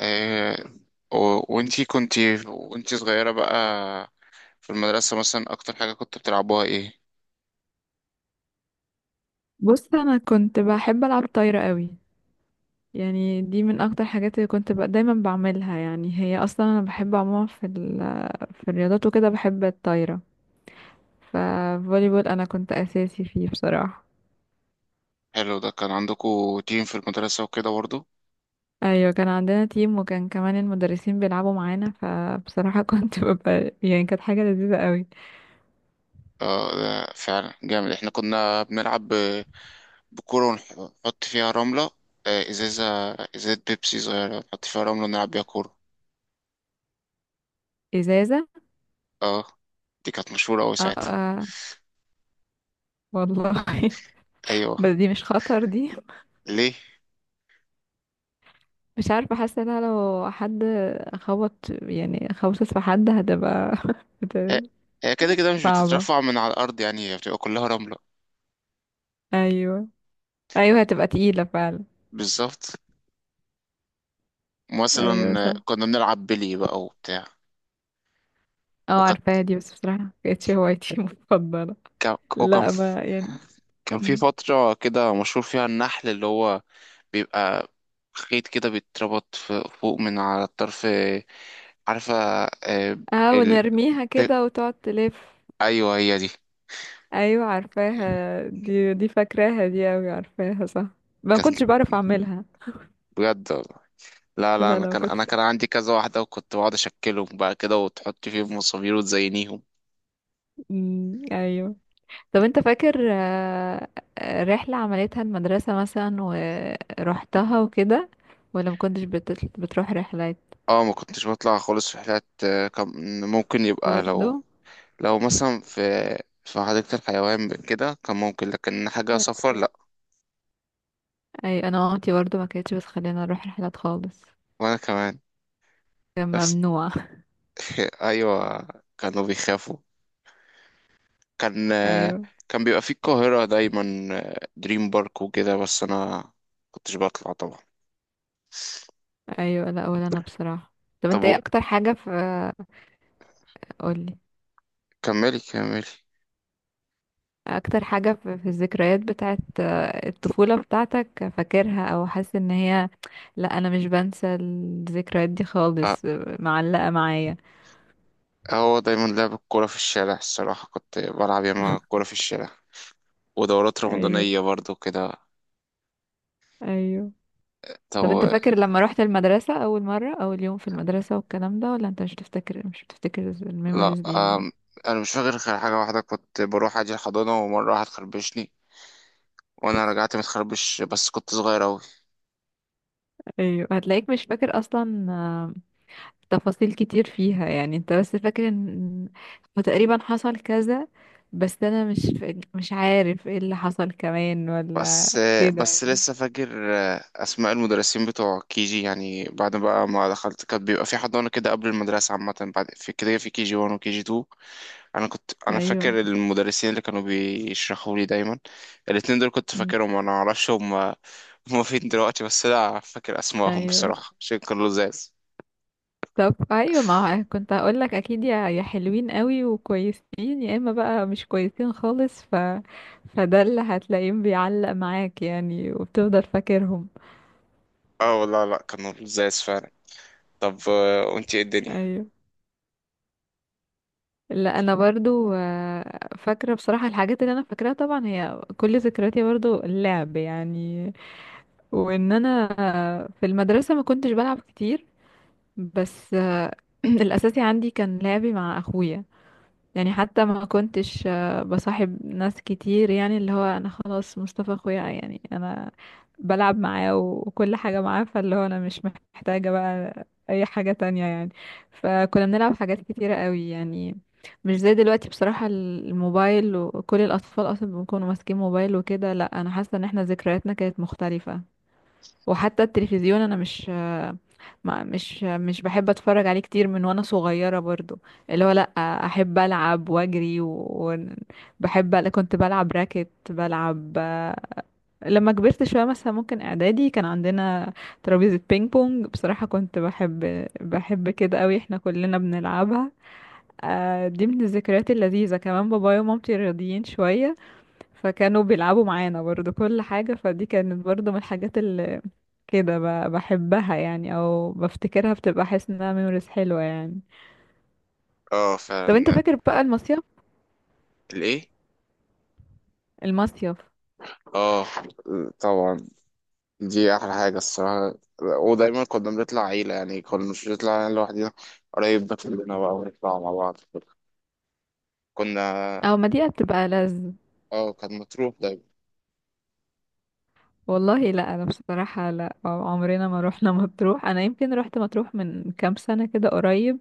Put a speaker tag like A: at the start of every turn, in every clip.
A: آه، وانتي كنتي وانتي صغيرة بقى في المدرسة مثلا أكتر حاجة كنت بتلعبوها إيه؟
B: بص، انا كنت بحب العب طايره قوي. يعني دي من اكتر حاجات اللي كنت بقى دايما بعملها. يعني هي اصلا انا بحب عموما في الرياضات وكده، بحب الطايره. ففولي بول انا كنت اساسي فيه بصراحه.
A: حلو، ده كان عندكوا تيم في المدرسة وكده برضه؟
B: ايوه كان عندنا تيم، وكان كمان المدرسين بيلعبوا معانا، فبصراحه كنت ببقى يعني كانت حاجه لذيذه قوي.
A: اه ده فعلا جامد. احنا كنا بنلعب بكورة ونحط فيها رملة. إزازة، إزازة بيبسي صغيرة نحط فيها رملة ونلعب بيها كورة.
B: ازازه.
A: اه، دي كانت مشهورة أوي
B: اه،
A: ساعتها.
B: آه. والله.
A: أيوه.
B: بس دي مش خطر دي.
A: ليه؟
B: مش عارفه، حاسه إنها لو حد خبط، يعني خبطت في حد هتبقى
A: هي هي كده كده مش
B: صعبة.
A: بتترفع من على الأرض، يعني هي بتبقى كلها رملة.
B: ايوه. ايوه هتبقى تقيلة فعلا.
A: بالظبط.
B: ايوه
A: مثلا
B: صح.
A: كنا بنلعب بلي بقى وبتاع.
B: اه عارفاها دي، بس بصراحة مكانتش هوايتي المفضلة.
A: كان وكان
B: لا
A: ف-
B: ما يعني.
A: كان في
B: م.
A: فترة كده مشهور فيها النحل، اللي هو بيبقى خيط كده بيتربط فوق من على الطرف. عارفة. آه،
B: اه
A: ال...
B: ونرميها
A: ت-
B: كده وتقعد تلف.
A: أيوه هي دي.
B: ايوه عارفاها دي فاكراها دي اوي، عارفاها صح. ما
A: كانت
B: كنتش بعرف اعملها.
A: بجد والله. لا،
B: لا
A: أنا
B: لا ما
A: كان أنا
B: كنتش.
A: كان عندي كذا واحدة، وكنت بقعد أشكلهم بقى كده وتحط فيهم مصابير وتزينيهم.
B: م، ايوه. طب انت فاكر رحلة عملتها المدرسة مثلا ورحتها وكده؟ ولا ما كنتش بتروح رحلات؟
A: اه، ما كنتش بطلع خالص في حاجات. كان ممكن يبقى لو
B: برضو.
A: لو مثلا في حديقة الحيوان كده كان ممكن، لكن حاجة سفر لأ.
B: اي انا مامتي برضو ما كانتش بتخلينا نروح رحلات خالص.
A: وأنا كمان.
B: كان
A: بس.
B: ممنوع
A: ايوه، كانوا بيخافوا. كان
B: ايوه.
A: كان بيبقى في القاهرة دايما دريم بارك وكده، بس انا كنتش بطلع طبعا.
B: ايوه لا ولا انا بصراحه. طب
A: طب
B: انت
A: و-
B: ايه اكتر حاجه في؟ قولي.
A: كملي، كملي.
B: اكتر حاجه في الذكريات بتاعت الطفوله بتاعتك، فاكرها او حاسس ان هي؟ لا انا مش بنسى الذكريات دي
A: أه،
B: خالص، معلقه معايا.
A: هو دايما لعب الكورة في الشارع الصراحة، كنت بلعب ياما كورة في الشارع ودورات
B: ايوه.
A: رمضانية برضو كده.
B: ايوه.
A: طب
B: طب انت
A: و-
B: فاكر لما رحت المدرسه اول مره، اول يوم في المدرسه والكلام ده، ولا انت مش بتفتكر
A: لا.
B: الميموريز دي؟
A: أم، أنا مش فاكر غير حاجة واحدة، كنت بروح أجي الحضانة ومرة واحد خربشني وأنا رجعت متخربش، بس كنت صغير أوي.
B: ايوه هتلاقيك مش فاكر اصلا تفاصيل كتير فيها، يعني انت بس فاكر ان هو تقريبا حصل كذا، بس انا مش عارف ايه اللي حصل كمان ولا
A: بس.
B: كده.
A: بس لسه فاكر اسماء المدرسين بتوع كي جي، يعني بعد بقى ما دخلت كان بيبقى في حضانه كده قبل المدرسه عامه، بعد في كده في كي جي 1 وكي جي 2. انا كنت
B: ايوه.
A: فاكر المدرسين اللي كانوا بيشرحوا لي دايما الاتنين دول، كنت
B: م،
A: فاكرهم. انا معرفش هم فين دلوقتي، بس لا فاكر اسمائهم
B: ايوه.
A: بصراحه عشان كانوا لزاز.
B: طب ايوه، ما هو كنت هقول لك اكيد، يا حلوين قوي وكويسين يا اما بقى مش كويسين خالص، فده اللي هتلاقيهم بيعلق معاك يعني وبتفضل فاكرهم.
A: اه والله، لا كانوا لزاز فعلا. طب وانتي ايه الدنيا؟
B: ايوه. لا انا برضو فاكره بصراحه. الحاجات اللي انا فاكراها طبعا هي كل ذكرياتي برضو اللعب يعني. وان انا في المدرسه ما كنتش بلعب كتير، بس الاساسي عندي كان لعبي مع اخويا. يعني حتى ما كنتش بصاحب ناس كتير، يعني اللي هو انا خلاص مصطفى اخويا، يعني انا بلعب معاه وكل حاجة معاه، فاللي هو انا مش محتاجة بقى اي حاجة تانية يعني. فكنا بنلعب حاجات كتيرة قوي يعني، مش زي دلوقتي بصراحة. الموبايل وكل الاطفال اصلا بيكونوا ماسكين موبايل وكده، لا انا حاسة ان احنا ذكرياتنا كانت مختلفة. وحتى التلفزيون انا مش ما مش مش بحب اتفرج عليه كتير من وانا صغيرة برضو. اللي هو لا، احب العب واجري وبحب، كنت بلعب راكت، بلعب. لما كبرت شوية مثلا، ممكن اعدادي، كان عندنا ترابيزة بينج بونج، بصراحة كنت بحب كده قوي، احنا كلنا بنلعبها. دي من الذكريات اللذيذة كمان. بابايا ومامتي رياضيين شوية، فكانوا بيلعبوا معانا برضو كل حاجة، فدي كانت برضو من الحاجات كده بحبها يعني، او بفتكرها بتبقى حاسة انها ميموريز حلوة يعني.
A: اه
B: طب انت
A: فعلا.
B: فاكر بقى المصيف؟
A: الايه؟
B: المصيف.
A: اه، طبعا، دي احلى حاجه الصراحه. ودايما كنا بنطلع عيله، يعني كنا مش بنطلع يعني لوحدنا، قريب ده كلنا بقى ونطلع مع بعض. كنا،
B: او ما دي بتبقى لذ.
A: اه، كان مطروح دايما.
B: والله لا انا بصراحة لا، عمرنا ما روحنا مطروح. انا يمكن روحت مطروح من كام سنة كده قريب،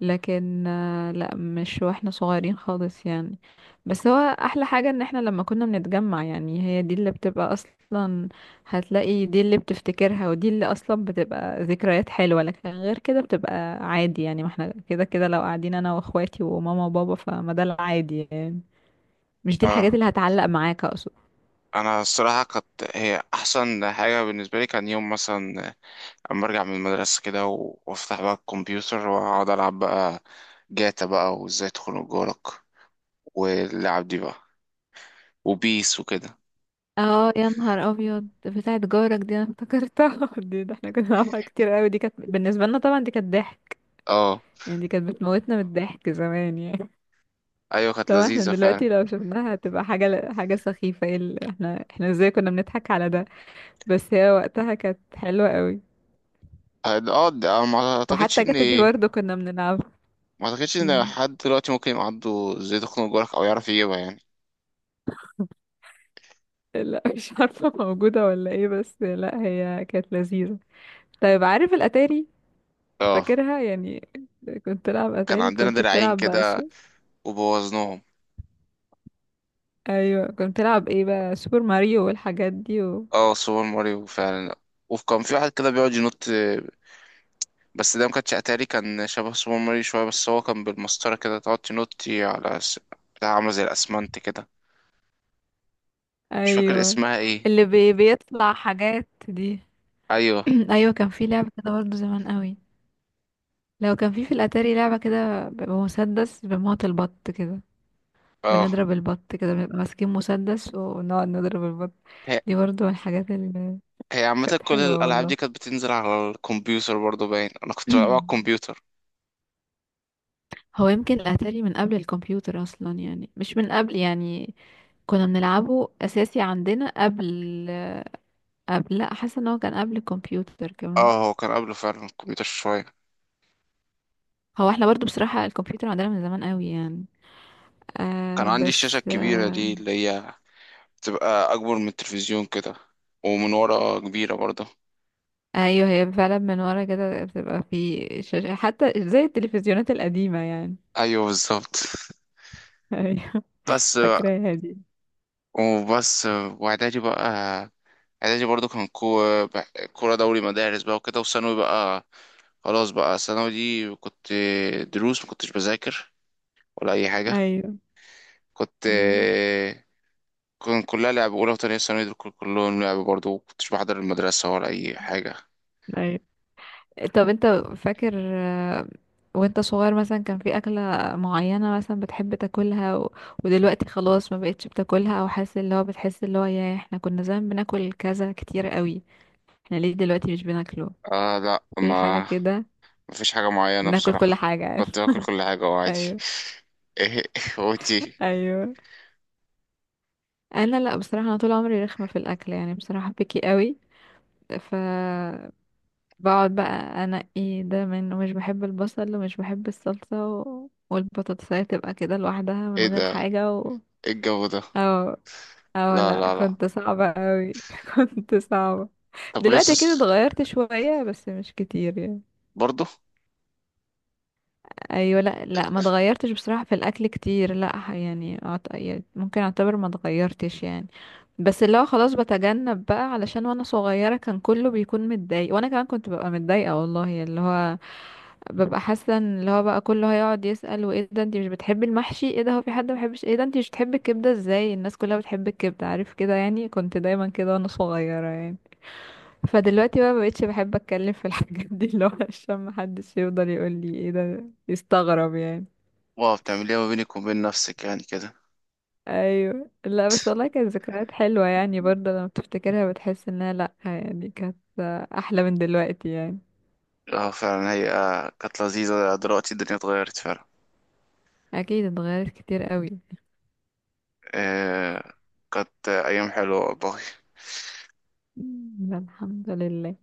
B: لكن لا مش واحنا صغيرين خالص يعني. بس هو احلى حاجة ان احنا لما كنا بنتجمع، يعني هي دي اللي بتبقى اصلا، هتلاقي دي اللي بتفتكرها، ودي اللي اصلا بتبقى ذكريات حلوة. لكن غير كده بتبقى عادي يعني، ما احنا كده كده لو قاعدين انا واخواتي وماما وبابا، فما ده العادي يعني، مش دي الحاجات
A: اه،
B: اللي هتعلق معاك اقصد.
A: انا الصراحه كانت، هي احسن حاجه بالنسبه لي كان يوم مثلا اما ارجع من المدرسه كده وافتح بقى الكمبيوتر واقعد العب بقى جاتا بقى وازاي تخنق جارك، واللعب دي بقى، وبيس وكده.
B: اه يا نهار ابيض، بتاعت جارك دي انا افتكرتها دي ده احنا كنا بنعملها كتير قوي، دي كانت بالنسبة لنا طبعا دي كانت ضحك
A: اه.
B: يعني، دي كانت بتموتنا من الضحك زمان يعني.
A: ايوه كانت
B: طبعا احنا
A: لذيذه فعلا.
B: دلوقتي لو شفناها هتبقى حاجة سخيفة، ايه احنا ازاي كنا بنضحك على ده، بس هي وقتها كانت حلوة قوي.
A: اه، ما اعتقدش
B: وحتى جاتا دي برضه كنا بنلعبها.
A: ما اعتقدش ان
B: مم.
A: حد دلوقتي ممكن يعضه ازاي تخنق جارك، او يعرف يجيبها يعني.
B: لا مش عارفة موجودة ولا ايه، بس لا هي كانت لذيذة. طيب عارف الأتاري؟
A: اه،
B: فاكرها يعني؟ كنت تلعب
A: كان
B: أتاري،
A: عندنا
B: كنت
A: دراعين
B: بتلعب بقى
A: كده وبوظناهم.
B: ايوه كنت بتلعب ايه بقى، سوبر ماريو والحاجات دي و...
A: اه، سوبر ماريو فعلا. وكان في واحد كده بيقعد ينط، بس ده ما كانش اتاري، كان شبه سوبر ماريو شويه، بس هو كان بالمسطره كده تقعد تنطي على بتاع عامله زي الاسمنت كده. مش فاكر
B: ايوه
A: اسمها ايه.
B: اللي بيطلع حاجات دي.
A: ايوه.
B: ايوه كان في لعبه كده برضه زمان قوي، لو كان في الاتاري، لعبه كده بيبقى مسدس بموت البط كده،
A: اه.
B: بنضرب البط كده، بنبقى ماسكين مسدس ونقعد نضرب البط.
A: هي
B: دي برضه من الحاجات اللي
A: هي عامة
B: كانت
A: كل
B: حلوه
A: الألعاب
B: والله.
A: دي كانت بتنزل على الكمبيوتر برضه، باين أنا كنت بلعب على الكمبيوتر.
B: هو يمكن الاتاري من قبل الكمبيوتر اصلا يعني، مش من قبل يعني كنا بنلعبه اساسي عندنا قبل لا، حاسه ان هو كان قبل الكمبيوتر كمان.
A: اه، هو كان قبله فعلا الكمبيوتر شوية.
B: هو احنا برضو بصراحه الكمبيوتر عندنا من زمان قوي يعني.
A: كان
B: آه
A: عندي الشاشة
B: بس
A: الكبيرة
B: آه،
A: دي اللي هي تبقى أكبر من التلفزيون كده، ومن ورا كبيرة برضه.
B: ايوه هي فعلا من ورا كده بتبقى في شاشة حتى زي التلفزيونات القديمة يعني.
A: أيوه بالظبط.
B: ايوه
A: بس.
B: فاكراها دي.
A: وبس. وإعدادي بقى، إعدادي برضه كان كورة دوري مدارس بقى وكده. وثانوي بقى، خلاص بقى ثانوي دي كنت دروس ما كنتش بذاكر ولا أي حاجة.
B: ايوه.
A: كنت
B: مم.
A: كان كلها لعب. أولى وتانية ثانوي دول كلهم لعب برضه، ما كنتش بحضر المدرسة ولا أي حاجة.
B: ايوه. طب انت فاكر وانت صغير مثلا، كان في اكلة معينة مثلا بتحب تاكلها و... ودلوقتي خلاص ما بقتش بتاكلها، او حاسس اللي هو بتحس اللي هو يا احنا كنا زمان بناكل كذا كتير قوي، احنا ليه دلوقتي مش بناكله؟
A: آه لا
B: في حاجة
A: ما
B: كده؟
A: مفيش حاجة معينة
B: بناكل كل
A: بصراحة،
B: حاجة.
A: كنت باكل كل حاجة وعادي.
B: ايوه.
A: ايه؟ وانتي ايه؟
B: ايوه انا لا بصراحه، انا طول عمري رخمه في الاكل يعني، بصراحه بكي قوي، ف بقعد بقى انقي ده من، ومش بحب البصل، ومش بحب الصلصه، و... والبطاطسايه تبقى كده لوحدها من
A: إيه
B: غير
A: ده؟
B: حاجه و...
A: ايه الجو ده؟
B: او او
A: لا
B: لا،
A: لا لا
B: كنت صعبه قوي كنت صعبه.
A: طب لسه
B: دلوقتي كده
A: س-
B: اتغيرت شويه، بس مش كتير يعني.
A: برضه.
B: ايوه لا لا ما اتغيرتش بصراحه في الاكل كتير، لا يعني يعني ممكن اعتبر ما اتغيرتش يعني. بس اللي هو خلاص بتجنب بقى، علشان وانا صغيره كان كله بيكون متضايق، وانا كمان كنت ببقى متضايقه والله، اللي هو ببقى حاسه ان اللي هو بقى كله هيقعد يسال، وايه ده، انت مش بتحبي المحشي، ايه ده، هو في حد ما بيحبش، ايه ده، انت مش بتحبي الكبده، ازاي الناس كلها بتحب الكبده، عارف كده يعني، كنت دايما كده وانا صغيره يعني. فدلوقتي بقى مبقتش بحب اتكلم في الحاجات دي، اللي هو عشان محدش يفضل يقول لي ايه ده، يستغرب يعني.
A: واو، بتعمل ايه ما بينك وبين نفسك يعني كده؟
B: ايوه. لا بس والله كانت ذكريات حلوة يعني برضه، لما بتفتكرها بتحس انها، لا يعني كانت احلى من دلوقتي يعني.
A: اه فعلا، هي كانت لذيذة. دلوقتي الدنيا اتغيرت فعلا.
B: اكيد اتغيرت كتير قوي.
A: إيه. كانت أيام حلوة والله.
B: مم، الحمد لله.